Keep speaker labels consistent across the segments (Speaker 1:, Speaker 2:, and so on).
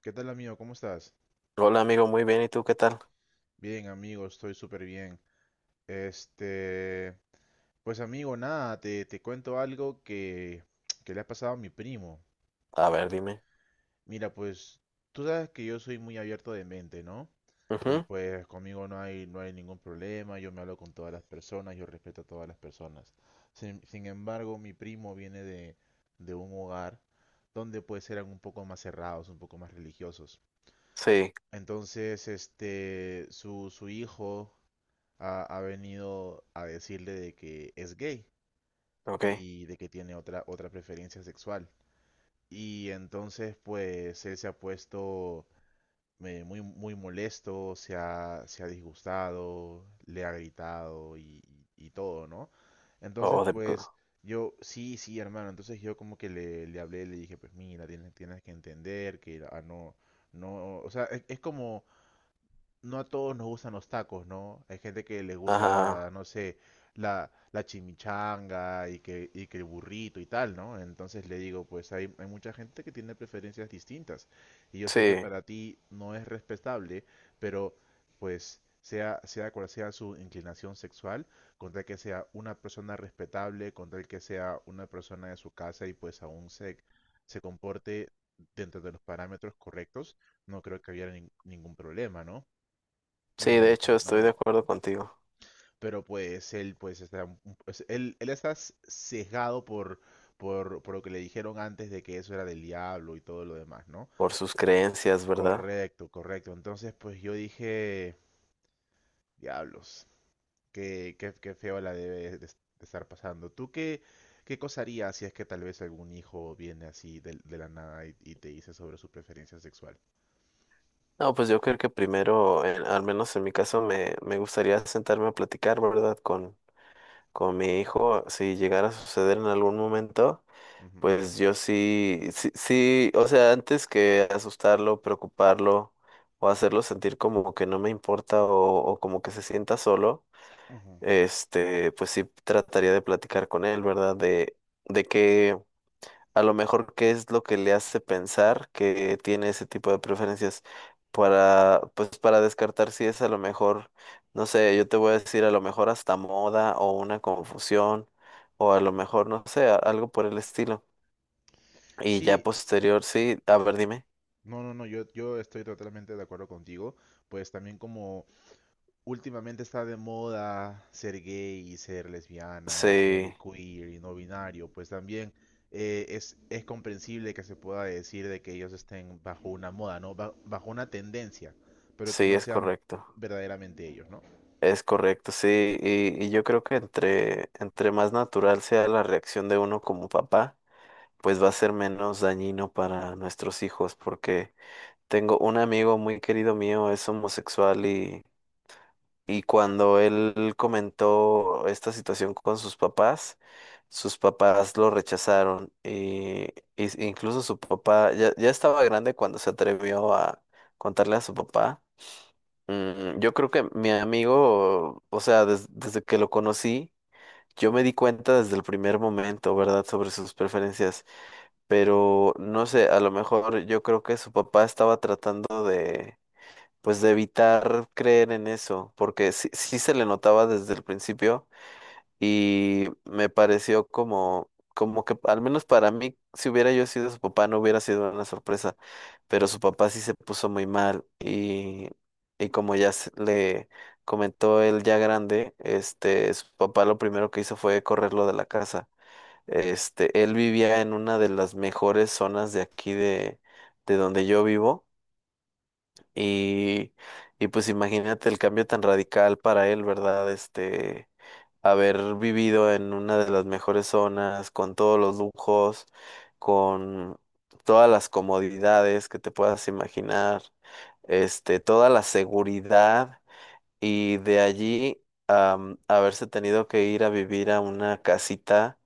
Speaker 1: ¿Qué tal, amigo? ¿Cómo estás?
Speaker 2: Hola amigo, muy bien, ¿y tú qué tal?
Speaker 1: Bien, amigo, estoy súper bien. Este, pues amigo, nada, te cuento algo que, que le ha pasado a mi primo.
Speaker 2: A ver, dime.
Speaker 1: Mira, pues tú sabes que yo soy muy abierto de mente, ¿no? Y
Speaker 2: Ujú.
Speaker 1: pues conmigo no hay ningún problema, yo me hablo con todas las personas, yo respeto a todas las personas. Sin embargo, mi primo viene de un hogar donde pues eran un poco más cerrados, un poco más religiosos.
Speaker 2: Sí,
Speaker 1: Entonces, su hijo ha venido a decirle de que es gay
Speaker 2: ok.
Speaker 1: y de que tiene otra preferencia sexual. Y entonces, pues, él se ha puesto muy, muy molesto, se ha disgustado, le ha gritado y todo, ¿no? Entonces,
Speaker 2: O de pl-
Speaker 1: pues, yo, sí, sí, hermano. Entonces yo como que le hablé, le dije, pues mira, tienes que entender que no, no, o sea, es como, no a todos nos gustan los tacos, ¿no? Hay gente que les
Speaker 2: Ajá,
Speaker 1: gusta, no sé, la chimichanga y que el burrito y tal, ¿no? Entonces le digo, pues hay mucha gente que tiene preferencias distintas. Y yo sé que
Speaker 2: sí,
Speaker 1: para ti no es respetable, pero pues sea cual sea su inclinación sexual, con tal que sea una persona respetable, con tal que sea una persona de su casa y pues aún se comporte dentro de los parámetros correctos, no creo que haya ningún problema, ¿no?
Speaker 2: sí,
Speaker 1: Y me
Speaker 2: de hecho
Speaker 1: dijo,
Speaker 2: estoy de
Speaker 1: no,
Speaker 2: acuerdo contigo
Speaker 1: pero pues él pues está pues, él está sesgado por, por lo que le dijeron antes de que eso era del diablo y todo lo demás, ¿no?
Speaker 2: por sus creencias, ¿verdad?
Speaker 1: Correcto, correcto. Entonces, pues yo dije, diablos, qué feo la debe de estar pasando. ¿Tú qué cosa harías si es que tal vez algún hijo viene así de la nada y te dice sobre su preferencia sexual?
Speaker 2: No, pues yo creo que primero, al menos en mi caso, me gustaría sentarme a platicar, ¿verdad? Con mi hijo, si llegara a suceder en algún momento.
Speaker 1: Ujú.
Speaker 2: Pues yo sí, sí, sí, o sea, antes que asustarlo, preocuparlo o hacerlo sentir como que no me importa o como que se sienta solo,
Speaker 1: Ujú.
Speaker 2: pues sí trataría de platicar con él, ¿verdad? De que a lo mejor qué es lo que le hace pensar que tiene ese tipo de preferencias para, pues para descartar si es a lo mejor, no sé, yo te voy a decir a lo mejor hasta moda o una confusión o a lo mejor, no sé, algo por el estilo y ya
Speaker 1: Sí,
Speaker 2: posterior, sí, a ver, dime.
Speaker 1: no, no, no, yo estoy totalmente de acuerdo contigo. Pues también como últimamente está de moda ser gay y ser lesbiana y ser
Speaker 2: Sí,
Speaker 1: queer y no binario, pues también es comprensible que se pueda decir de que ellos estén bajo una moda, ¿no? Bajo una tendencia, pero que
Speaker 2: sí,
Speaker 1: no
Speaker 2: es
Speaker 1: sean
Speaker 2: correcto.
Speaker 1: verdaderamente ellos, ¿no?
Speaker 2: Es correcto, sí. Y yo creo que entre más natural sea la reacción de uno como papá, pues va a ser menos dañino para nuestros hijos, porque tengo un amigo muy querido mío, es homosexual. Y cuando él comentó esta situación con sus papás lo rechazaron. Incluso su papá ya, ya estaba grande cuando se atrevió a contarle a su papá. Yo creo que mi amigo, o sea, desde que lo conocí, yo me di cuenta desde el primer momento, ¿verdad?, sobre sus preferencias. Pero no sé, a lo mejor yo creo que su papá estaba tratando de pues de evitar creer en eso, porque sí, sí se le notaba desde el principio y me pareció como que al menos para mí, si hubiera yo sido su papá, no hubiera sido una sorpresa, pero su papá sí se puso muy mal y como ya le comentó él ya grande, su papá lo primero que hizo fue correrlo de la casa. Él vivía en una de las mejores zonas de aquí de donde yo vivo y, y pues imagínate el cambio tan radical para él, ¿verdad? Haber vivido en una de las mejores zonas, con todos los lujos, con todas las comodidades que te puedas imaginar, toda la seguridad y de allí haberse tenido que ir a vivir a una casita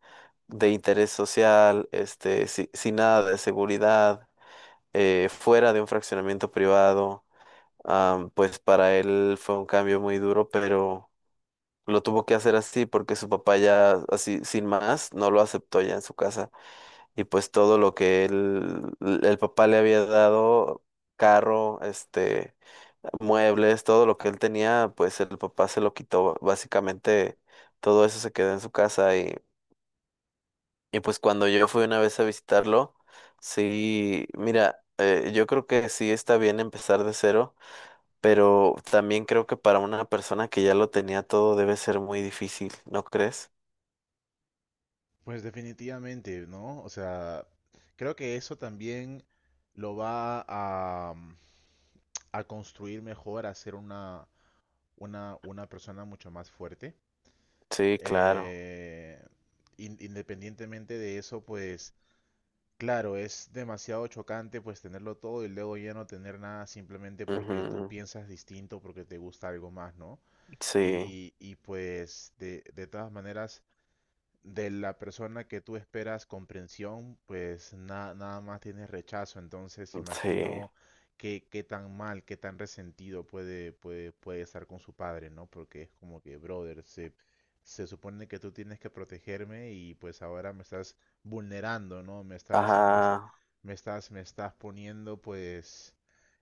Speaker 2: de interés social, sin nada de seguridad, fuera de un fraccionamiento privado. Pues para él fue un cambio muy duro, pero lo tuvo que hacer así porque su papá ya así sin más no lo aceptó ya en su casa. Y pues todo lo que él, el papá le había dado, carro, muebles, todo lo que él tenía, pues el papá se lo quitó. Básicamente todo eso se quedó en su casa y pues cuando yo fui una vez a visitarlo, sí, mira, yo creo que sí está bien empezar de cero pero también creo que para una persona que ya lo tenía todo debe ser muy difícil, ¿no crees?
Speaker 1: Pues definitivamente, ¿no? O sea, creo que eso también lo va a construir mejor, a hacer una persona mucho más fuerte.
Speaker 2: Sí, claro.
Speaker 1: Eh, independientemente de eso, pues claro, es demasiado chocante pues tenerlo todo y luego ya no tener nada simplemente porque tú
Speaker 2: Ujú.
Speaker 1: piensas distinto, porque te gusta algo más, ¿no?
Speaker 2: Sí,
Speaker 1: Y pues de todas maneras de la persona que tú esperas comprensión, pues nada más tienes rechazo. Entonces
Speaker 2: sí.
Speaker 1: imagino qué tan mal, qué tan resentido puede estar con su padre, ¿no? Porque es como que, brother, se supone que tú tienes que protegerme y pues ahora me estás vulnerando, ¿no? Me estás, me, es-
Speaker 2: Ajá,
Speaker 1: me estás poniendo pues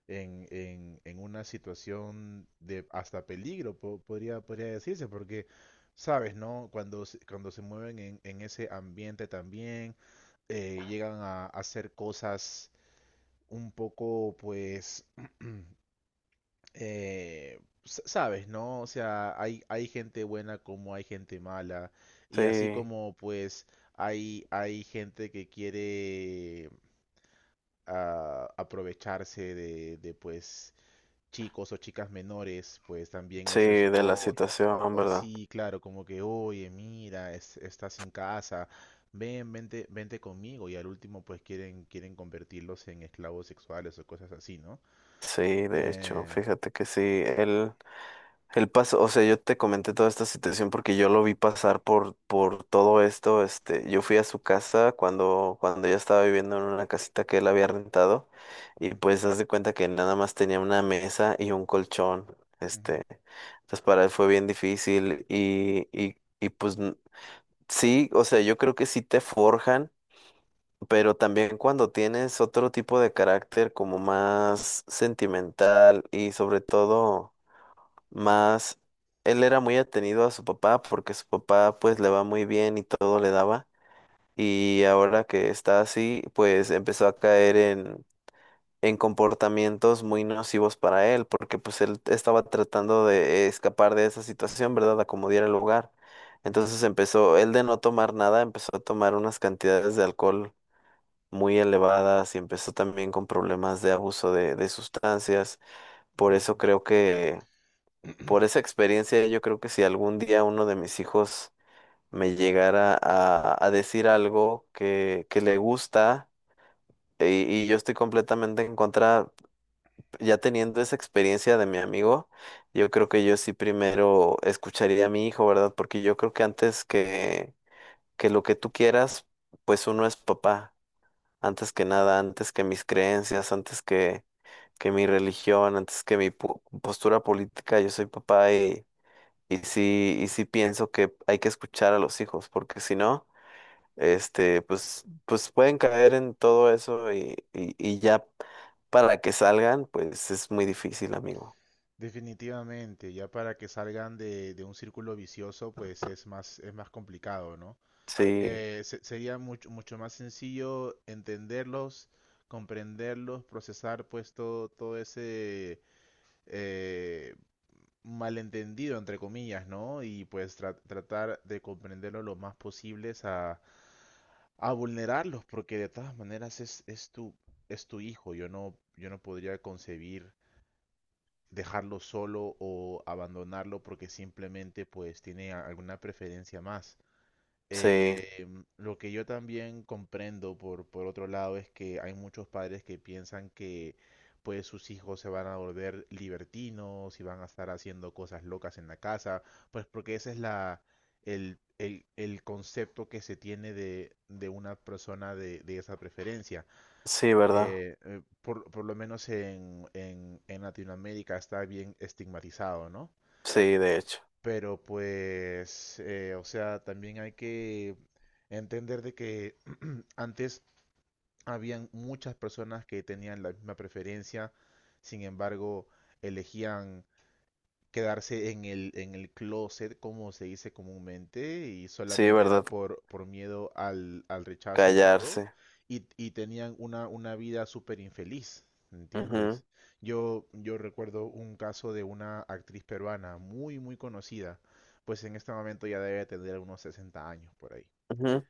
Speaker 1: en una situación de hasta peligro, podría decirse, porque sabes, ¿no? Cuando se mueven en ese ambiente también, llegan a hacer cosas un poco, pues, sabes, ¿no? O sea, hay gente buena como hay gente mala, y así
Speaker 2: sí,
Speaker 1: como, pues, hay gente que quiere aprovecharse de, pues, chicos o chicas menores, pues también
Speaker 2: sí,
Speaker 1: eso es
Speaker 2: de la
Speaker 1: otra. O,
Speaker 2: situación,
Speaker 1: o
Speaker 2: ¿verdad?
Speaker 1: sí, claro, como que, oye, mira, estás sin casa, vente conmigo. Y al último, pues quieren convertirlos en esclavos sexuales o cosas así, ¿no?
Speaker 2: Sí, de hecho,
Speaker 1: Eh,
Speaker 2: fíjate que sí, él. El paso, o sea, yo te comenté toda esta situación porque yo lo vi pasar por todo esto. Yo fui a su casa cuando ella estaba viviendo en una casita que él había rentado y
Speaker 1: ujú,
Speaker 2: pues haz de cuenta que nada más tenía una mesa y un colchón.
Speaker 1: ujú,
Speaker 2: Este, entonces para él fue bien difícil y pues sí, o sea, yo creo que sí te forjan, pero también cuando tienes otro tipo de carácter como más sentimental y sobre todo más él era muy atenido a su papá porque su papá pues le va muy bien y todo le daba y ahora que está así pues empezó a caer en comportamientos muy nocivos para él porque pues él estaba tratando de escapar de esa situación, ¿verdad? Acomodar el lugar.
Speaker 1: ujú,
Speaker 2: Entonces empezó, él de no tomar nada, empezó a tomar unas cantidades de alcohol muy elevadas y empezó también con problemas de abuso de sustancias. Por
Speaker 1: ujú.
Speaker 2: eso creo que por esa experiencia, yo creo que si algún día uno de mis hijos me llegara a decir algo que le gusta y yo estoy completamente en contra, ya teniendo esa experiencia de mi amigo, yo creo que yo sí primero escucharía a mi hijo, ¿verdad? Porque yo creo que antes que lo que tú quieras, pues uno es papá, antes que nada, antes que mis creencias, antes que mi religión, antes que mi postura política, yo soy papá. Y sí pienso que hay que escuchar a los hijos, porque si no, pues, pues pueden caer en todo eso y ya para que salgan, pues es muy difícil, amigo.
Speaker 1: Definitivamente, ya para que salgan de un círculo vicioso, pues es más complicado, ¿no?
Speaker 2: Sí,
Speaker 1: Sería mucho, mucho más sencillo entenderlos, comprenderlos, procesar pues todo ese eh, malentendido, entre comillas, ¿no? Y pues tratar de comprenderlo lo más posibles a vulnerarlos, porque de todas maneras es tu hijo. Yo no podría concebir dejarlo solo o abandonarlo porque simplemente pues tiene alguna preferencia más.
Speaker 2: sí,
Speaker 1: Eh, lo que yo también comprendo por otro lado es que hay muchos padres que piensan que pues sus hijos se van a volver libertinos y van a estar haciendo cosas locas en la casa, pues porque ese es el concepto que se tiene de una persona de esa preferencia.
Speaker 2: sí, ¿verdad?
Speaker 1: Por lo menos en Latinoamérica está bien estigmatizado, ¿no?
Speaker 2: Sí, de hecho.
Speaker 1: Pero pues, o sea, también hay que entender de que antes habían muchas personas que tenían la misma preferencia, sin embargo, elegían quedarse en el closet, como se dice comúnmente, y
Speaker 2: Sí,
Speaker 1: solamente era
Speaker 2: ¿verdad?
Speaker 1: por miedo al rechazo y todo,
Speaker 2: Callarse.
Speaker 1: y tenían una vida súper infeliz,
Speaker 2: Ujú,
Speaker 1: ¿entiendes? Yo recuerdo un caso de una actriz peruana muy, muy conocida, pues en este momento ya debe tener unos 60 años por ahí.
Speaker 2: ujú,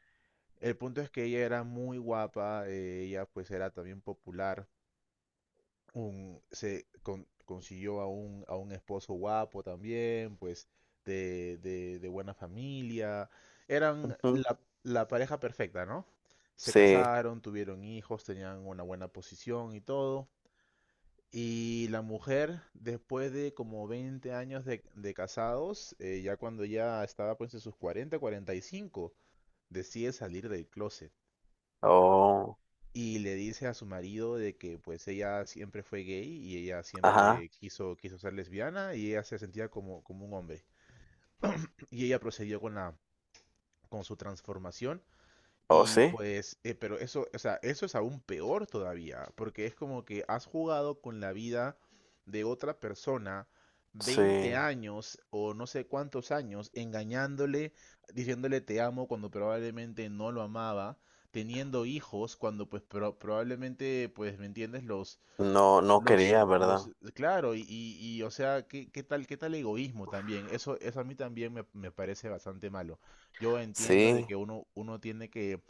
Speaker 1: El punto es que ella era muy guapa, ella pues era también popular, consiguió a un esposo guapo también, pues de buena familia. Eran
Speaker 2: ujú.
Speaker 1: la pareja perfecta, ¿no? Se
Speaker 2: Sí.
Speaker 1: casaron, tuvieron hijos, tenían una buena posición y todo. Y la mujer, después de como 20 años de casados, ya cuando ya estaba pues en sus 45 decide salir del closet
Speaker 2: Oh,
Speaker 1: y le dice a su marido de que pues ella siempre fue gay y ella siempre
Speaker 2: ajá.
Speaker 1: quiso ser lesbiana y ella se sentía como un hombre. Y ella procedió con su transformación
Speaker 2: Oh,
Speaker 1: y
Speaker 2: sí.
Speaker 1: pues, pero eso, o sea, eso es aún peor todavía, porque es como que has jugado con la vida de otra persona
Speaker 2: Sí.
Speaker 1: 20 años o no sé cuántos años, engañándole, diciéndole te amo cuando probablemente no lo amaba, teniendo hijos cuando pues probablemente, pues, ¿me entiendes? Los,
Speaker 2: No, no
Speaker 1: los,
Speaker 2: quería,
Speaker 1: los,
Speaker 2: ¿verdad?
Speaker 1: claro, y, o sea, ¿qué tal egoísmo también? Eso a mí también me parece bastante malo. Yo entiendo de
Speaker 2: Sí,
Speaker 1: que uno tiene que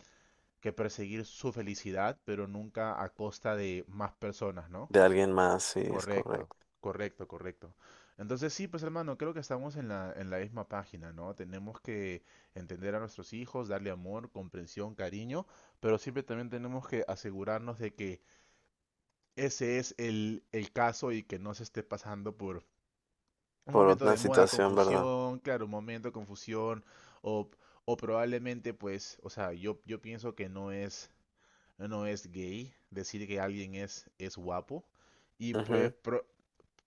Speaker 1: que perseguir su felicidad, pero nunca a costa de más personas, ¿no?
Speaker 2: de alguien más, sí, es
Speaker 1: Correcto,
Speaker 2: correcto.
Speaker 1: correcto, correcto. Entonces sí, pues hermano, creo que estamos en la misma página, ¿no? Tenemos que entender a nuestros hijos, darle amor, comprensión, cariño, pero siempre también tenemos que asegurarnos de que ese es el caso y que no se esté pasando por un
Speaker 2: Por
Speaker 1: momento de
Speaker 2: otra
Speaker 1: moda,
Speaker 2: situación, ¿verdad?
Speaker 1: confusión, claro, un momento de confusión o, o probablemente pues, o sea, yo pienso que no es no es gay, decir que alguien es guapo. Y pues
Speaker 2: Ujú.
Speaker 1: pro-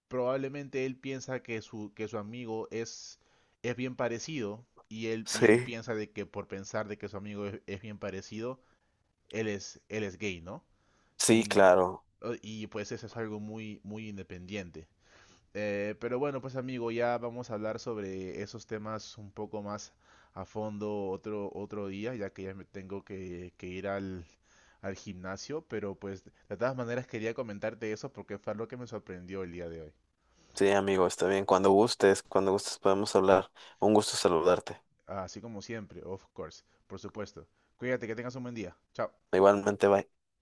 Speaker 1: probablemente él piensa que que su amigo es bien parecido y él
Speaker 2: Sí,
Speaker 1: piensa de que por pensar de que su amigo es bien parecido, él es gay, ¿no?
Speaker 2: sí,
Speaker 1: Sin,
Speaker 2: claro.
Speaker 1: o- y pues eso es algo muy, muy independiente. Pero bueno, pues amigo, ya vamos a hablar sobre esos temas un poco más a fondo otro día, ya que ya me tengo que ir al gimnasio, pero pues de todas maneras quería comentarte eso porque fue lo que me sorprendió el día de hoy.
Speaker 2: Sí, amigo, está bien. Cuando gustes podemos hablar. Un gusto saludarte.
Speaker 1: Así como siempre, of course, por supuesto. Cuídate, que tengas un buen día. Chao.
Speaker 2: Igualmente, bye.